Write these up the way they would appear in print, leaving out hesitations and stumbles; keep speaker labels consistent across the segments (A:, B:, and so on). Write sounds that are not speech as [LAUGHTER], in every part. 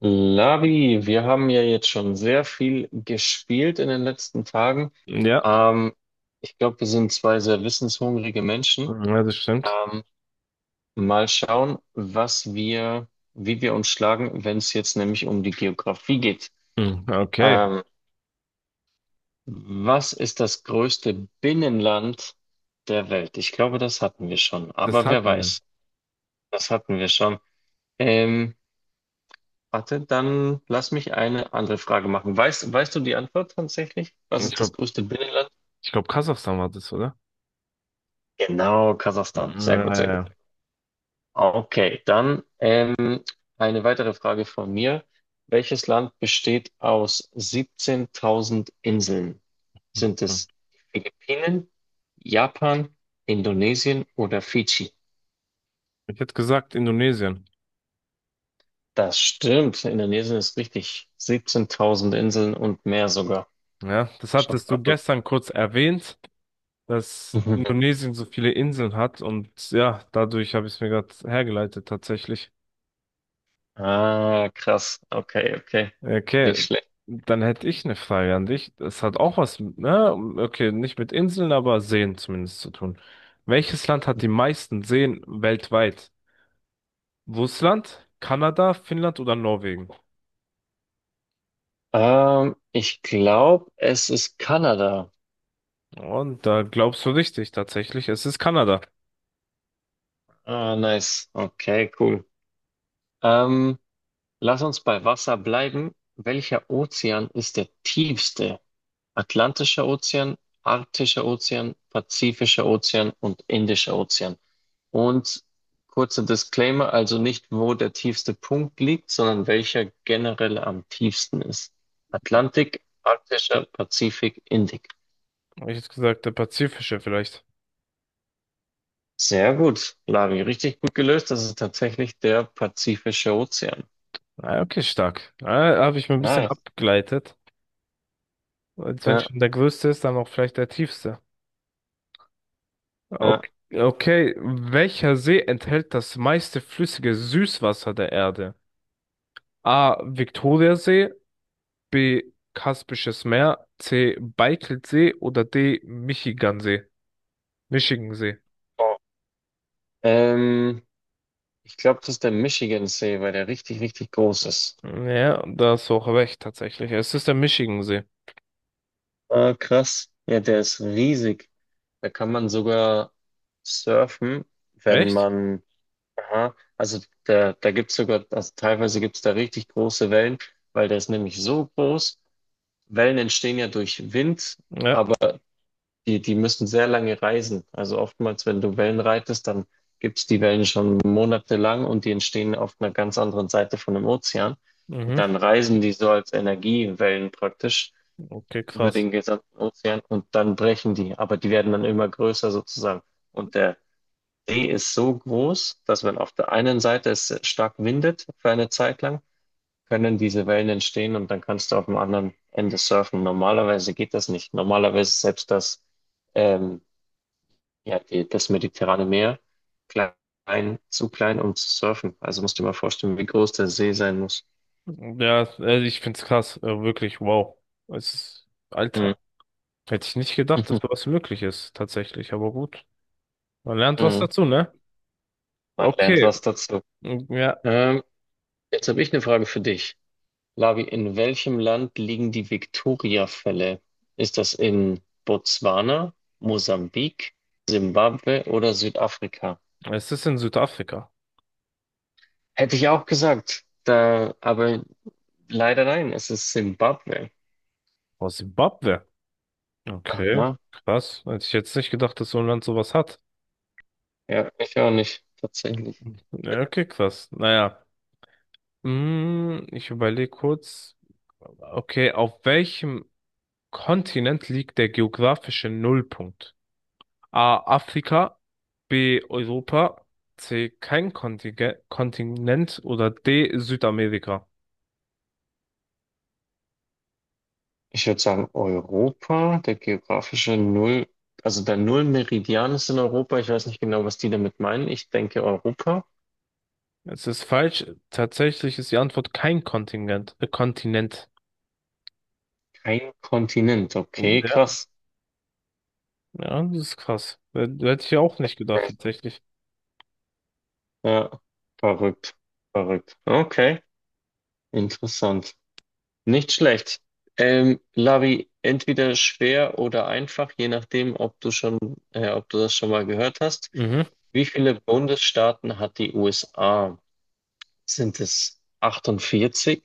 A: Labi, wir haben ja jetzt schon sehr viel gespielt in den letzten Tagen.
B: Ja,
A: Ähm, ich glaube, wir sind zwei sehr wissenshungrige Menschen.
B: ja, das stimmt.
A: Ähm, mal schauen, was wir, wie wir uns schlagen, wenn es jetzt nämlich um die Geografie geht.
B: Hm, okay,
A: Ähm, was ist das größte Binnenland der Welt? Ich glaube, das hatten wir schon.
B: das
A: Aber wer
B: hatten wir.
A: weiß, das hatten wir schon. Ähm, Warte, dann lass mich eine andere Frage machen. Weißt du die Antwort tatsächlich? Was
B: Ich
A: ist das
B: glaube,
A: größte Binnenland?
B: ich glaube, Kasachstan war das, oder?
A: Genau, Kasachstan. Sehr gut, sehr gut.
B: Naja.
A: Okay, dann eine weitere Frage von mir. Welches Land besteht aus 17.000 Inseln? Sind es die Philippinen, Japan, Indonesien oder Fidschi?
B: Ich hätte gesagt Indonesien.
A: Das stimmt. Indonesien ist richtig. 17.000 Inseln und mehr sogar.
B: Ja, das
A: Schon
B: hattest du
A: verrückt.
B: gestern kurz erwähnt, dass
A: [LAUGHS]
B: Indonesien so viele Inseln hat und ja, dadurch habe ich es mir gerade hergeleitet tatsächlich.
A: Ah, krass. Okay, okay.
B: Okay,
A: Nicht schlecht.
B: dann hätte ich eine Frage an dich. Das hat auch was, ne? Okay, nicht mit Inseln, aber Seen zumindest zu tun. Welches Land hat die meisten Seen weltweit? Russland, Kanada, Finnland oder Norwegen?
A: Ich glaube, es ist Kanada.
B: Und da glaubst du richtig, tatsächlich. Es ist Kanada.
A: Ah, nice. Okay, cool. Ähm, lass uns bei Wasser bleiben. Welcher Ozean ist der tiefste? Atlantischer Ozean, Arktischer Ozean, Pazifischer Ozean und Indischer Ozean. Und kurzer Disclaimer, also nicht, wo der tiefste Punkt liegt, sondern welcher generell am tiefsten ist. Atlantik, Arktischer, Pazifik, Indik.
B: Habe ich jetzt gesagt, der Pazifische vielleicht.
A: Sehr gut, Lavi. Richtig gut gelöst. Das ist tatsächlich der Pazifische Ozean.
B: Ah, okay, stark. Ah, habe ich mir ein bisschen
A: Nice.
B: abgeleitet. Als wenn
A: Ja,
B: schon der größte ist, dann auch vielleicht der tiefste.
A: ja.
B: Okay. Okay, welcher See enthält das meiste flüssige Süßwasser der Erde? A. Viktoriasee, B. Kaspisches Meer, C. Baikalsee oder D. Michigansee? Michigansee.
A: Ähm, ich glaube, das ist der Michigansee, weil der richtig, richtig groß ist.
B: Ja, da hast du auch recht, tatsächlich. Es ist der Michigansee.
A: Ah, krass. Ja, der ist riesig. Da kann man sogar surfen, wenn
B: Echt?
A: man, aha, also da gibt es sogar, also teilweise gibt es da richtig große Wellen, weil der ist nämlich so groß. Wellen entstehen ja durch Wind.
B: Ja.
A: Die müssen sehr lange reisen. Also oftmals, wenn du Wellen reitest, dann gibt's die Wellen schon monatelang und die entstehen auf einer ganz anderen Seite von dem Ozean. Und
B: Mhm.
A: dann reisen die so als Energiewellen praktisch
B: Okay,
A: über
B: krass.
A: den gesamten Ozean und dann brechen die. Aber die werden dann immer größer sozusagen. Und der See ist so groß, dass wenn auf der einen Seite es stark windet für eine Zeit lang, können diese Wellen entstehen und dann kannst du auf dem anderen Ende surfen. Normalerweise geht das nicht. Normalerweise selbst das ähm, ja, die, das Mediterrane Meer, klein, zu klein, um zu surfen. Also musst du dir mal vorstellen, wie groß der See sein muss.
B: Ja, also ich find's krass. Wirklich, wow. Es ist,
A: Hm.
B: Alter. Hätte ich nicht gedacht, dass
A: Hm.
B: sowas möglich ist, tatsächlich. Aber gut. Man lernt was dazu,
A: [LAUGHS]
B: ne?
A: Man lernt
B: Okay.
A: was dazu.
B: Mm, ja,
A: Ähm, jetzt habe ich eine Frage für dich. Lavi, in welchem Land liegen die Victoria-Fälle? Ist das in Botswana, Mosambik, Simbabwe oder Südafrika?
B: es ist in Südafrika.
A: Hätte ich auch gesagt. Da, aber leider nein, es ist Simbabwe.
B: Aus Simbabwe. Okay,
A: Aha,
B: krass. Hätte ich jetzt nicht gedacht, dass so ein Land sowas hat.
A: ja, ich auch nicht, tatsächlich.
B: Ja, okay, krass. Naja. Ich überlege kurz. Okay, auf welchem Kontinent liegt der geografische Nullpunkt? A. Afrika, B. Europa, C. Kein Kontinent oder D. Südamerika.
A: Ich würde sagen, Europa, der geografische Null, also der Nullmeridian ist in Europa. Ich weiß nicht genau, was die damit meinen. Ich denke Europa.
B: Es ist falsch. Tatsächlich ist die Antwort kein Kontinent.
A: Kein Kontinent. Okay,
B: Ja.
A: krass.
B: Ja, das ist krass. Hätte ich auch nicht gedacht,
A: Crazy.
B: tatsächlich.
A: Ja, verrückt. Verrückt. Okay, interessant. Nicht schlecht. Lavi, entweder schwer oder einfach, je nachdem, ob du schon, ob du das schon mal gehört hast.
B: Mhm.
A: Wie viele Bundesstaaten hat die USA? Sind es 48?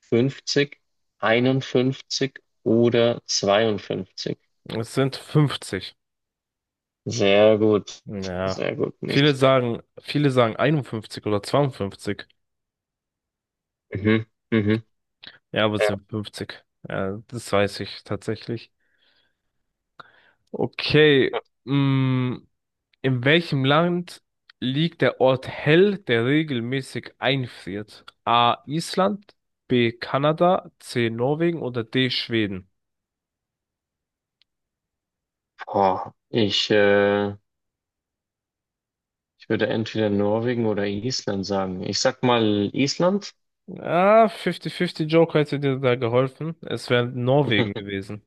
A: Fünfzig, 51 oder zweiundfünfzig?
B: Es sind 50.
A: Sehr gut,
B: Ja.
A: sehr gut, nicht
B: Viele
A: schlecht.
B: sagen, viele sagen 51 oder 52.
A: Mhm, mhm.
B: Ja, aber es
A: Ja.
B: sind 50. Ja, das weiß ich tatsächlich. Okay, mm, in welchem Land liegt der Ort Hell, der regelmäßig einfriert? A. Island, B. Kanada, C. Norwegen oder D. Schweden?
A: Boah, ich würde entweder Norwegen oder Island sagen. Ich sag mal Island.
B: Ah, 50-50 Joker hätte dir da geholfen. Es wäre
A: [LAUGHS]
B: Norwegen gewesen.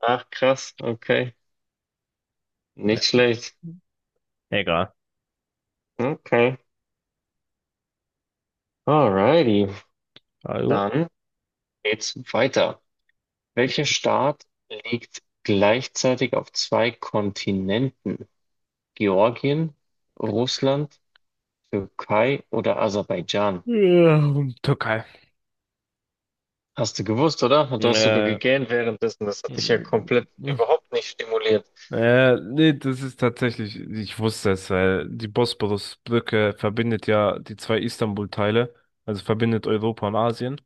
A: Ach, krass, okay. Nicht schlecht.
B: Egal.
A: Okay. Alrighty.
B: Also.
A: Dann geht's weiter. Welcher Staat liegt gleichzeitig auf zwei Kontinenten? Georgien, Russland, Türkei oder Aserbaidschan?
B: Ja, Türkei.
A: Hast du gewusst, oder? Und du hast sogar
B: Äh,
A: gegähnt währenddessen. Das hat dich ja komplett
B: [LAUGHS]
A: überhaupt nicht stimuliert.
B: Nee, das ist tatsächlich, ich wusste es, weil die Bosporus-Brücke verbindet ja die zwei Istanbul-Teile, also verbindet Europa und Asien.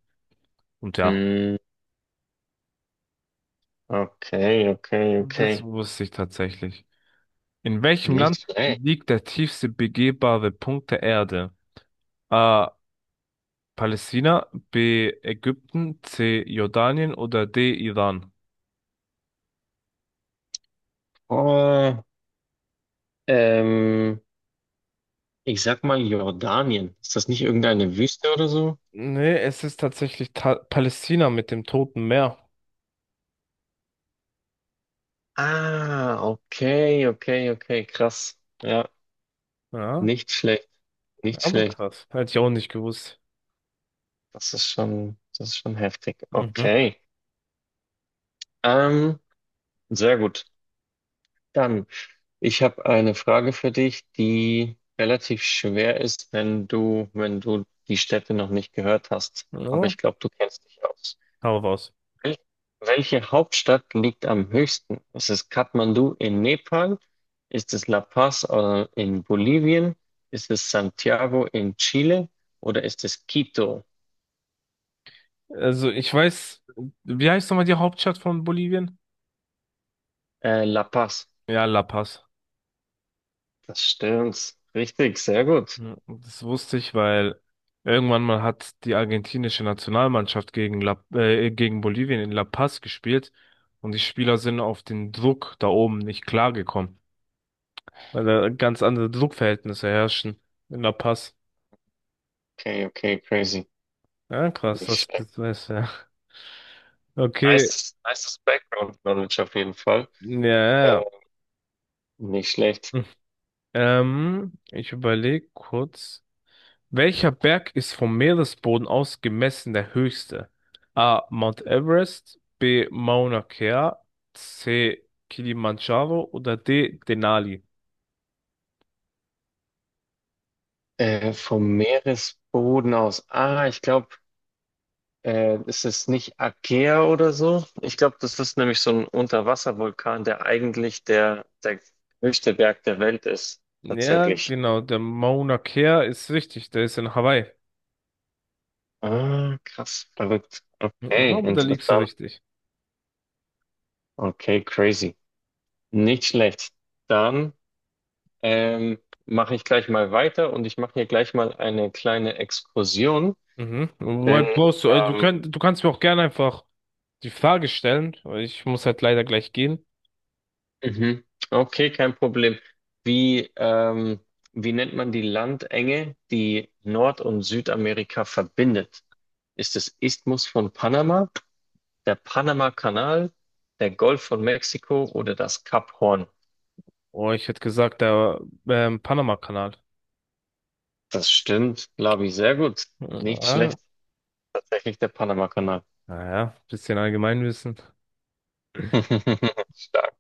B: Und ja,
A: Hm, okay, okay,
B: und das
A: okay.
B: wusste ich tatsächlich. In welchem
A: Nicht
B: Land
A: schlecht.
B: liegt der tiefste begehbare Punkt der Erde? A. Palästina, B. Ägypten, C. Jordanien oder D. Iran?
A: Oh, ähm, ich sag mal Jordanien. Ist das nicht irgendeine Wüste oder so?
B: Nee, es ist tatsächlich ta Palästina mit dem Toten Meer.
A: Ah, okay, okay, okay, krass. Ja,
B: Ja,
A: nicht schlecht, nicht
B: aber
A: schlecht.
B: krass. Hätte ich auch nicht gewusst.
A: Das ist schon heftig.
B: Mhm.
A: Okay. Ähm, sehr gut. Dann. Ich habe eine Frage für dich, die relativ schwer ist, wenn du, wenn du die Städte noch nicht gehört hast. Aber
B: Ja,
A: ich glaube, du kennst dich aus.
B: hau raus.
A: Wel welche Hauptstadt liegt am höchsten? Ist es Kathmandu in Nepal? Ist es La Paz, in Bolivien? Ist es Santiago in Chile? Oder ist es Quito,
B: Also ich weiß, wie heißt nochmal die Hauptstadt von Bolivien?
A: La Paz?
B: Ja, La Paz.
A: Das stimmt. Richtig, sehr gut.
B: Ja, das wusste ich, weil irgendwann mal hat die argentinische Nationalmannschaft gegen gegen Bolivien in La Paz gespielt und die Spieler sind auf den Druck da oben nicht klargekommen, weil da ganz andere Druckverhältnisse herrschen in La Paz.
A: Okay, okay, crazy.
B: Ja, krass,
A: Nicht
B: das,
A: schlecht.
B: das weiß ja. Okay,
A: Nice, nice Background Knowledge auf jeden Fall.
B: ja, ja.
A: Nicht schlecht.
B: Ja. Ich überlege kurz. Welcher Berg ist vom Meeresboden aus gemessen der höchste? A. Mount Everest, B. Mauna Kea, C. Kilimanjaro oder D. Denali?
A: Vom Meeresboden aus. Ah, ich glaube, ist es nicht Aegea oder so? Ich glaube, das ist nämlich so ein Unterwasservulkan, der eigentlich der höchste Berg der Welt ist,
B: Ja,
A: tatsächlich.
B: genau, der Mauna Kea ist richtig, der ist in Hawaii.
A: Ah, krass, verrückt. Okay,
B: Aber da liegst du
A: interessant.
B: richtig.
A: Okay, crazy. Nicht schlecht. Dann ähm, mache ich gleich mal weiter und ich mache hier gleich mal eine kleine Exkursion,
B: Mhm. Wobei
A: denn
B: brauchst du, du
A: ähm,
B: könnt, du kannst mir auch gerne einfach die Frage stellen, weil ich muss halt leider gleich gehen.
A: Mhm. Okay, kein Problem. Wie, ähm, wie nennt man die Landenge, die Nord- und Südamerika verbindet? Ist es Isthmus von Panama, der Panama-Kanal, der Golf von Mexiko oder das Kap Horn?
B: Oh, ich hätte gesagt, der Panama-Kanal.
A: Das stimmt, Labi, sehr gut. Nicht
B: Ja,
A: schlecht. Tatsächlich der Panama-Kanal.
B: naja, bisschen Allgemeinwissen.
A: [LAUGHS] Stark.